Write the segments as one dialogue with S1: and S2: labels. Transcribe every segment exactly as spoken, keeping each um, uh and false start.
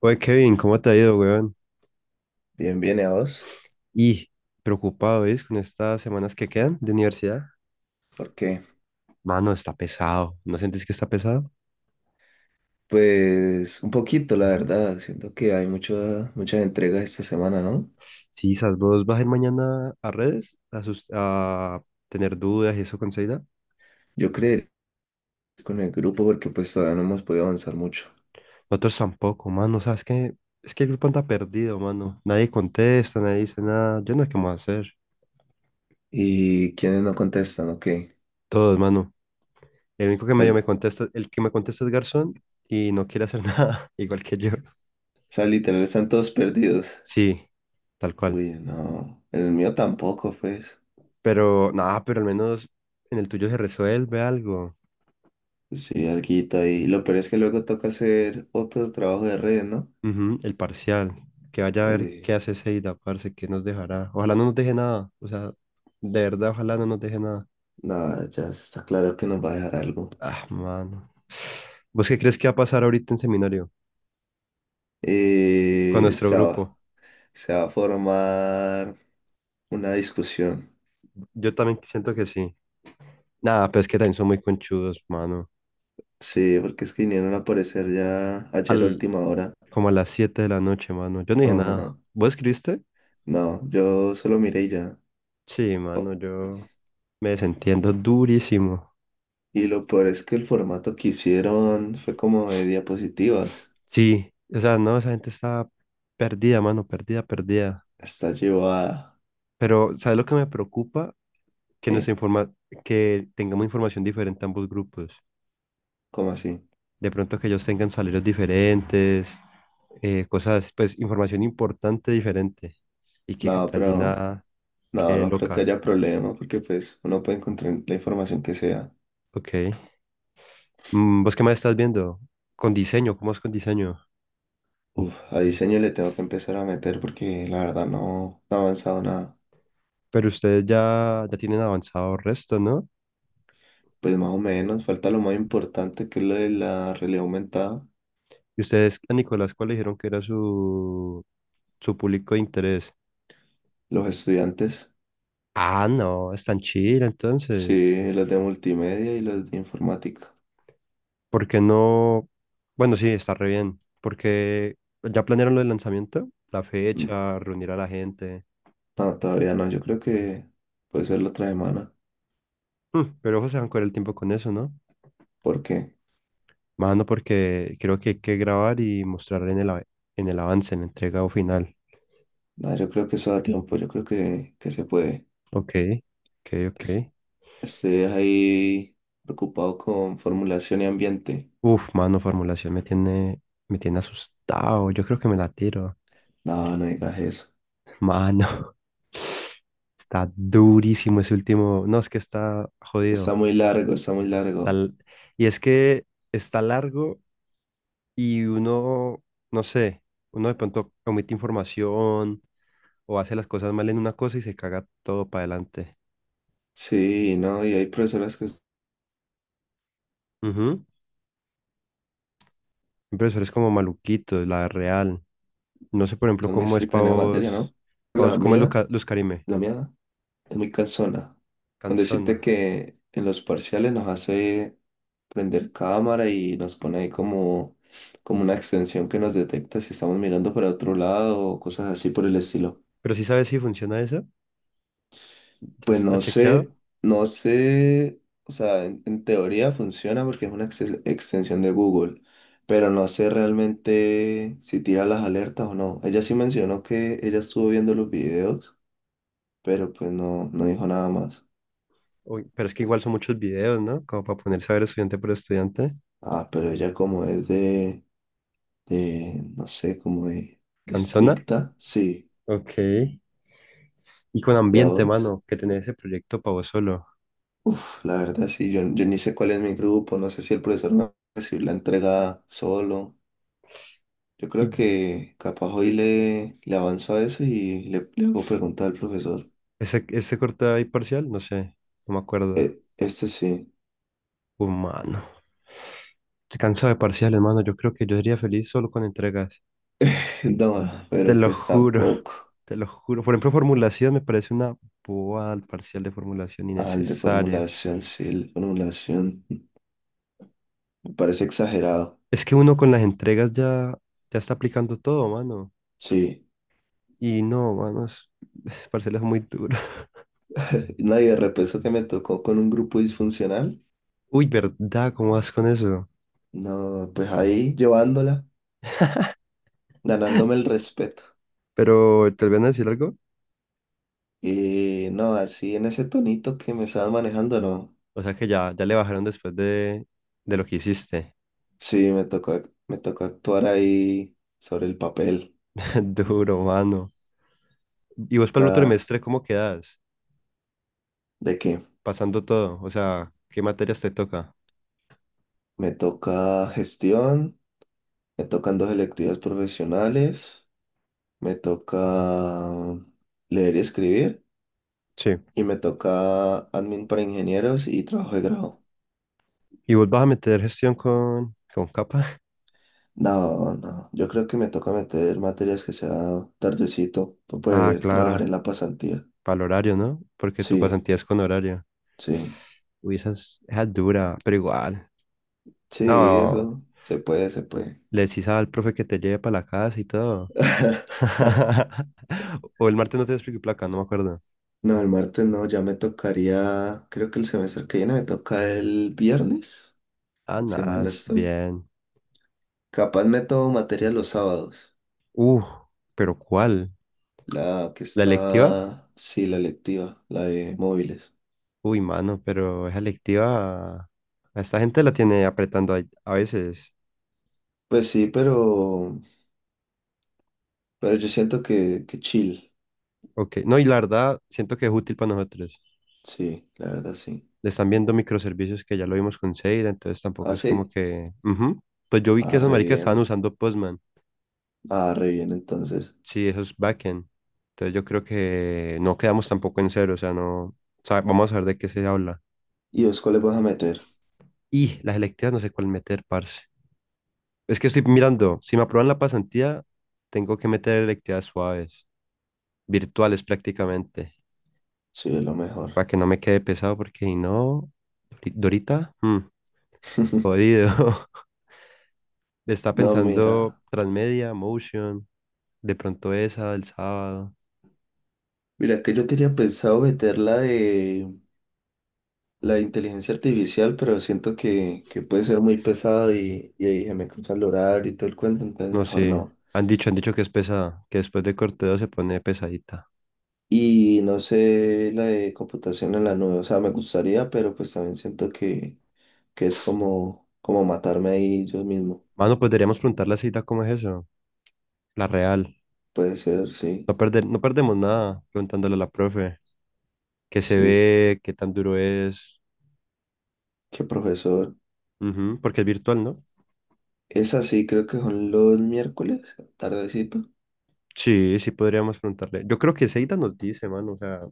S1: Oye, Kevin, ¿cómo te ha ido, weón?
S2: Bien, bien, ¿y a vos?
S1: Y preocupado, ¿ves? Con estas semanas que quedan de universidad.
S2: ¿Por qué?
S1: Mano, está pesado. ¿No sientes que está pesado?
S2: Pues un poquito, la verdad. Siento que hay mucha, muchas entregas esta semana, ¿no?
S1: Sí, esas vos vas a ir mañana a redes a, sus- a tener dudas y eso con Seida.
S2: Yo creería con el grupo porque pues todavía no hemos podido avanzar mucho.
S1: Nosotros tampoco, mano. ¿Sabes qué? Es que el grupo anda perdido, mano. Nadie contesta, nadie dice nada. Yo no sé qué vamos a hacer.
S2: ¿Y quiénes no contestan? Ok.
S1: Todos, mano. El único que medio
S2: Sal,
S1: me contesta, el que me contesta es Garzón y no quiere hacer nada, igual que yo.
S2: sal, literal, están todos perdidos.
S1: Sí, tal cual.
S2: Uy, no. El mío tampoco, pues.
S1: Pero nada, pero al menos en el tuyo se resuelve algo.
S2: Pues sí, alguito ahí. Lo peor es que luego toca hacer otro trabajo de red, ¿no?
S1: Ujú, el parcial. Que vaya a ver qué
S2: Uy,
S1: hace Seida, parce, qué nos dejará. Ojalá no nos deje nada. O sea, de verdad, ojalá no nos deje nada.
S2: nada, ya está claro que nos va a dejar algo.
S1: Ah, mano. ¿Vos qué crees que va a pasar ahorita en seminario con
S2: Eh,
S1: nuestro
S2: se va,
S1: grupo?
S2: Se va a formar. Una discusión.
S1: Yo también siento que sí. Nada, pero es que también son muy conchudos, mano.
S2: Sí, porque es que vinieron a aparecer ya ayer a
S1: Al,
S2: última hora.
S1: como a las siete de la noche, mano. Yo no dije nada.
S2: Ajá.
S1: ¿Vos escribiste?
S2: No, yo solo miré y ya.
S1: Sí, mano,
S2: Oh,
S1: yo me desentiendo durísimo.
S2: y lo peor es que el formato que hicieron fue como de diapositivas.
S1: Sí, o sea, no, esa gente está perdida, mano, perdida, perdida.
S2: Está llevada.
S1: Pero, ¿sabes lo que me preocupa? Que nos
S2: ¿Qué?
S1: informa, que tengamos información diferente a ambos grupos.
S2: ¿Cómo así?
S1: De pronto que ellos tengan salarios diferentes, eh, cosas, pues, información importante diferente. Y que
S2: No, pero
S1: Catalina
S2: no,
S1: quede
S2: no creo que
S1: loca.
S2: haya problema porque pues uno puede encontrar la información que sea.
S1: Ok. Mm, ¿Vos qué más estás viendo? Con diseño, ¿cómo es con diseño?
S2: Uf, a diseño le tengo que empezar a meter porque la verdad no, no ha avanzado nada.
S1: Pero ustedes ya, ya tienen avanzado resto, ¿no?
S2: Pues más o menos, falta lo más importante que es lo de la realidad aumentada.
S1: Y ustedes a Nicolás, ¿cuál le dijeron que era su, su público de interés?
S2: Los estudiantes,
S1: Ah, no, es tan chida entonces.
S2: sí, los de multimedia y los de informática.
S1: ¿Por qué no? Bueno, sí, está re bien. Porque ya planearon lo del lanzamiento, la
S2: Mm,
S1: fecha, reunir a la gente.
S2: no, todavía no, yo creo que puede ser la otra semana,
S1: Hmm, pero ojo, se van a el tiempo con eso, ¿no?
S2: porque
S1: Mano, porque creo que hay que grabar y mostrar en el, av- en el avance, en el entregado final.
S2: no, yo creo que eso da tiempo, yo creo que, que se puede.
S1: Ok, ok, ok.
S2: Es- Estoy ahí preocupado con formulación y ambiente.
S1: Uf, mano, formulación me tiene, me tiene asustado. Yo creo que me la tiro.
S2: No, no digas eso.
S1: Mano, está durísimo ese último. No, es que está jodido.
S2: Está muy largo, está muy
S1: Está
S2: largo.
S1: l- y es que está largo y uno, no sé, uno de pronto omite información o hace las cosas mal en una cosa y se caga todo para adelante.
S2: Sí, no, y hay profesoras que
S1: Ujú. Hay es como maluquito la real. No sé, por ejemplo,
S2: son muy
S1: cómo es
S2: estrictas
S1: para
S2: en la materia,
S1: vos,
S2: ¿no?
S1: pa'
S2: La
S1: vos cómo es
S2: mía,
S1: Luca- Luz Carime.
S2: la mía. es muy cansona. Con decirte
S1: Canzona.
S2: que en los parciales nos hace prender cámara y nos pone ahí como, como una extensión que nos detecta si estamos mirando para otro lado o cosas así por el estilo.
S1: Pero sí sabes si funciona eso, ya
S2: Pues
S1: está
S2: no sé,
S1: chequeado.
S2: no sé, o sea, en, en teoría funciona porque es una exes- extensión de Google, pero no sé realmente si tira las alertas o no. Ella sí mencionó que ella estuvo viendo los videos, pero pues no, no dijo nada más.
S1: Uy, pero es que igual son muchos videos, ¿no? Como para ponerse a ver estudiante por estudiante.
S2: Ah, pero ella como es de de, no sé, como de, de
S1: Canzona.
S2: estricta, sí,
S1: Ok. Y con
S2: ya
S1: ambiente,
S2: vos.
S1: mano, que tenés ese proyecto para vos solo.
S2: Uf, la verdad sí, yo, yo ni sé cuál es mi grupo, no sé si el profesor me va a recibir la entrega solo. Yo
S1: Y
S2: creo que capaz hoy le, le avanzo a eso y le, le hago preguntar al profesor.
S1: ese, ese corte ahí parcial, no sé, no me acuerdo.
S2: Eh, este sí,
S1: Humano. Estoy cansado de parciales, mano. Yo creo que yo sería feliz solo con entregas.
S2: no,
S1: Te
S2: pero
S1: lo
S2: pues
S1: juro.
S2: tampoco.
S1: Te lo juro. Por ejemplo, formulación me parece una bobada, el parcial de formulación
S2: Al de
S1: innecesaria.
S2: formulación, sí, el de formulación me parece exagerado,
S1: Es que uno con las entregas ya, ya está aplicando todo, mano.
S2: sí.
S1: Y no, mano, es, es parcial es muy duro.
S2: Nadie de repeso que me tocó con un grupo disfuncional.
S1: Uy, ¿verdad? ¿Cómo vas con eso?
S2: No, pues ahí llevándola, ganándome el respeto.
S1: Pero, ¿te voy a decir algo?
S2: Y no, así en ese tonito que me estaba manejando, no.
S1: O sea que ya, ya le bajaron después de, de lo que hiciste.
S2: Sí, me tocó, ac- me tocó actuar ahí sobre el papel.
S1: Duro, mano. ¿Y vos para el otro
S2: Acá,
S1: semestre cómo quedas?
S2: ¿de qué?
S1: Pasando todo. O sea, ¿qué materias te toca?
S2: Me toca gestión, me tocan dos electivas profesionales, me toca leer y escribir,
S1: Sí.
S2: y me toca admin para ingenieros y trabajo de grado.
S1: ¿Y vos vas a meter gestión con, con capa?
S2: No, no, yo creo que me toca meter materias que sea tardecito para
S1: Ah,
S2: poder trabajar
S1: claro.
S2: en la pasantía.
S1: Para el horario, ¿no? Porque tu
S2: Sí,
S1: pasantía es con horario.
S2: sí.
S1: Uy, esa es, esa es dura, pero igual.
S2: Sí,
S1: No,
S2: eso se puede, se puede.
S1: le decís al profe que te lleve para la casa y todo. O el martes no te explico placa, no me acuerdo.
S2: No, el martes no, ya me tocaría, creo que el semestre que viene me toca el viernes,
S1: Ah,
S2: si
S1: nada,
S2: mal no
S1: es
S2: estoy.
S1: bien.
S2: Capaz me tomo materia los sábados,
S1: Uh, pero ¿cuál?
S2: la que
S1: ¿La electiva?
S2: está, sí, la electiva, la de móviles.
S1: Uy, mano, pero esa electiva, a esta gente la tiene apretando ahí a, veces.
S2: Pues sí, pero, pero yo siento que, que chill,
S1: Ok, no, y la verdad, siento que es útil para nosotros.
S2: sí, la verdad sí.
S1: Le están viendo microservicios que ya lo vimos con Seida, entonces tampoco
S2: ¿Ah,
S1: es como
S2: sí?
S1: que, ujú. Pues yo vi que
S2: Ah,
S1: esos
S2: re
S1: maricas
S2: bien,
S1: estaban usando Postman.
S2: ah, re bien entonces.
S1: Sí, eso es backend. Entonces yo creo que no quedamos tampoco en cero, o sea, no, sa- vamos a ver de qué se habla.
S2: ¿Y vos cuáles vas a meter?
S1: Y las electivas no sé cuál meter, parce. Es que estoy mirando, si me aprueban la pasantía, tengo que meter electivas suaves, virtuales prácticamente,
S2: Sí, lo mejor.
S1: para que no me quede pesado, porque si no, Dori- Dorita, mm, jodido. Está
S2: No,
S1: pensando
S2: mira.
S1: Transmedia, Motion, de pronto esa del sábado.
S2: Mira, que yo tenía pensado meter la de la inteligencia artificial, pero siento que, que puede ser muy pesado y, y ahí se me cruza el horario y todo el cuento, entonces
S1: No
S2: mejor
S1: sé,
S2: no.
S1: han dicho, han dicho que es pesada, que después de Corteo se pone pesadita.
S2: Y no sé la de computación en la nube, o sea, me gustaría, pero pues también siento que, que es como, como matarme ahí yo mismo.
S1: Mano, pues deberíamos preguntar la cita, ¿cómo es eso? La real.
S2: Puede ser, sí,
S1: No perder, no perdemos nada preguntándole a la profe. ¿Qué se
S2: sí,
S1: ve? ¿Qué tan duro es?
S2: qué profesor.
S1: Ujú, porque es virtual, ¿no?
S2: Es así, creo que son los miércoles, tardecito.
S1: Sí, sí podríamos preguntarle. Yo creo que Seita nos dice, mano, o sea,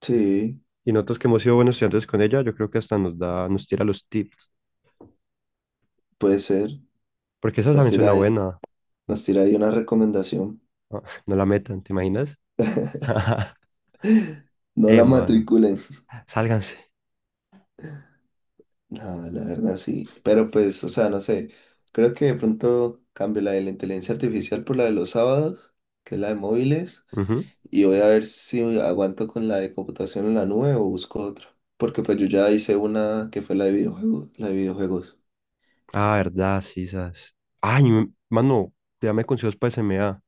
S2: Sí,
S1: y nosotros que hemos sido buenos estudiantes con ella, yo creo que hasta nos da, nos tira los tips.
S2: puede ser.
S1: Porque esa
S2: Nos
S1: también
S2: tira
S1: suena
S2: ahí,
S1: buena.
S2: nos tira ahí una recomendación.
S1: Ah, ¡no la metan, ¿te imaginas?
S2: No
S1: Eh,
S2: la
S1: mano.
S2: matriculen.
S1: Sálganse.
S2: No, la verdad sí. Pero pues, o sea, no sé. Creo que de pronto cambio la de la inteligencia artificial por la de los sábados, que es la de móviles.
S1: Ujú.
S2: Y voy a ver si aguanto con la de computación en la nube o busco otra. Porque pues yo ya hice una que fue la de videojuegos, la de videojuegos.
S1: Ah, verdad, sí, sas. Ay, m- mano, tirame consejos para S M A.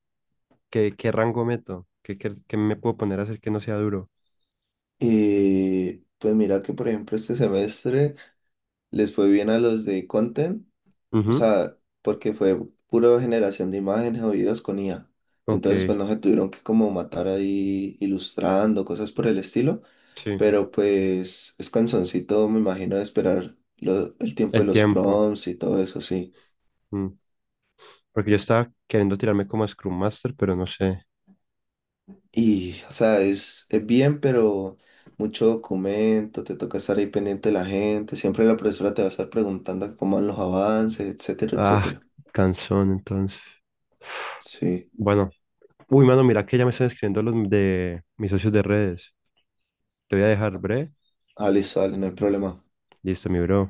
S1: ¿Qué, qué rango meto? ¿Qué, qué, qué me puedo poner a hacer que no sea duro?
S2: Y pues mira que por ejemplo este semestre les fue bien a los de content. O
S1: Ujú.
S2: sea, porque fue puro generación de imágenes o videos con I A.
S1: Ok,
S2: Entonces, pues no se tuvieron que como matar ahí ilustrando, cosas por el estilo.
S1: sí.
S2: Pero pues es cansoncito, me imagino, de esperar lo- el tiempo de
S1: El
S2: los
S1: tiempo.
S2: prompts y todo eso, sí.
S1: Mm. Porque yo estaba queriendo tirarme como a Scrum Master, pero no sé.
S2: Y, o sea, es, es bien, pero mucho documento, te toca estar ahí pendiente de la gente. Siempre la profesora te va a estar preguntando cómo van los avances, etcétera,
S1: Ah,
S2: etcétera.
S1: cansón, entonces.
S2: Sí.
S1: Bueno, uy, mano, mira que ya me están escribiendo los de mis socios de redes. Te voy a dejar, bre.
S2: Ah, listo, dale, no hay problema.
S1: Listo, mi bro.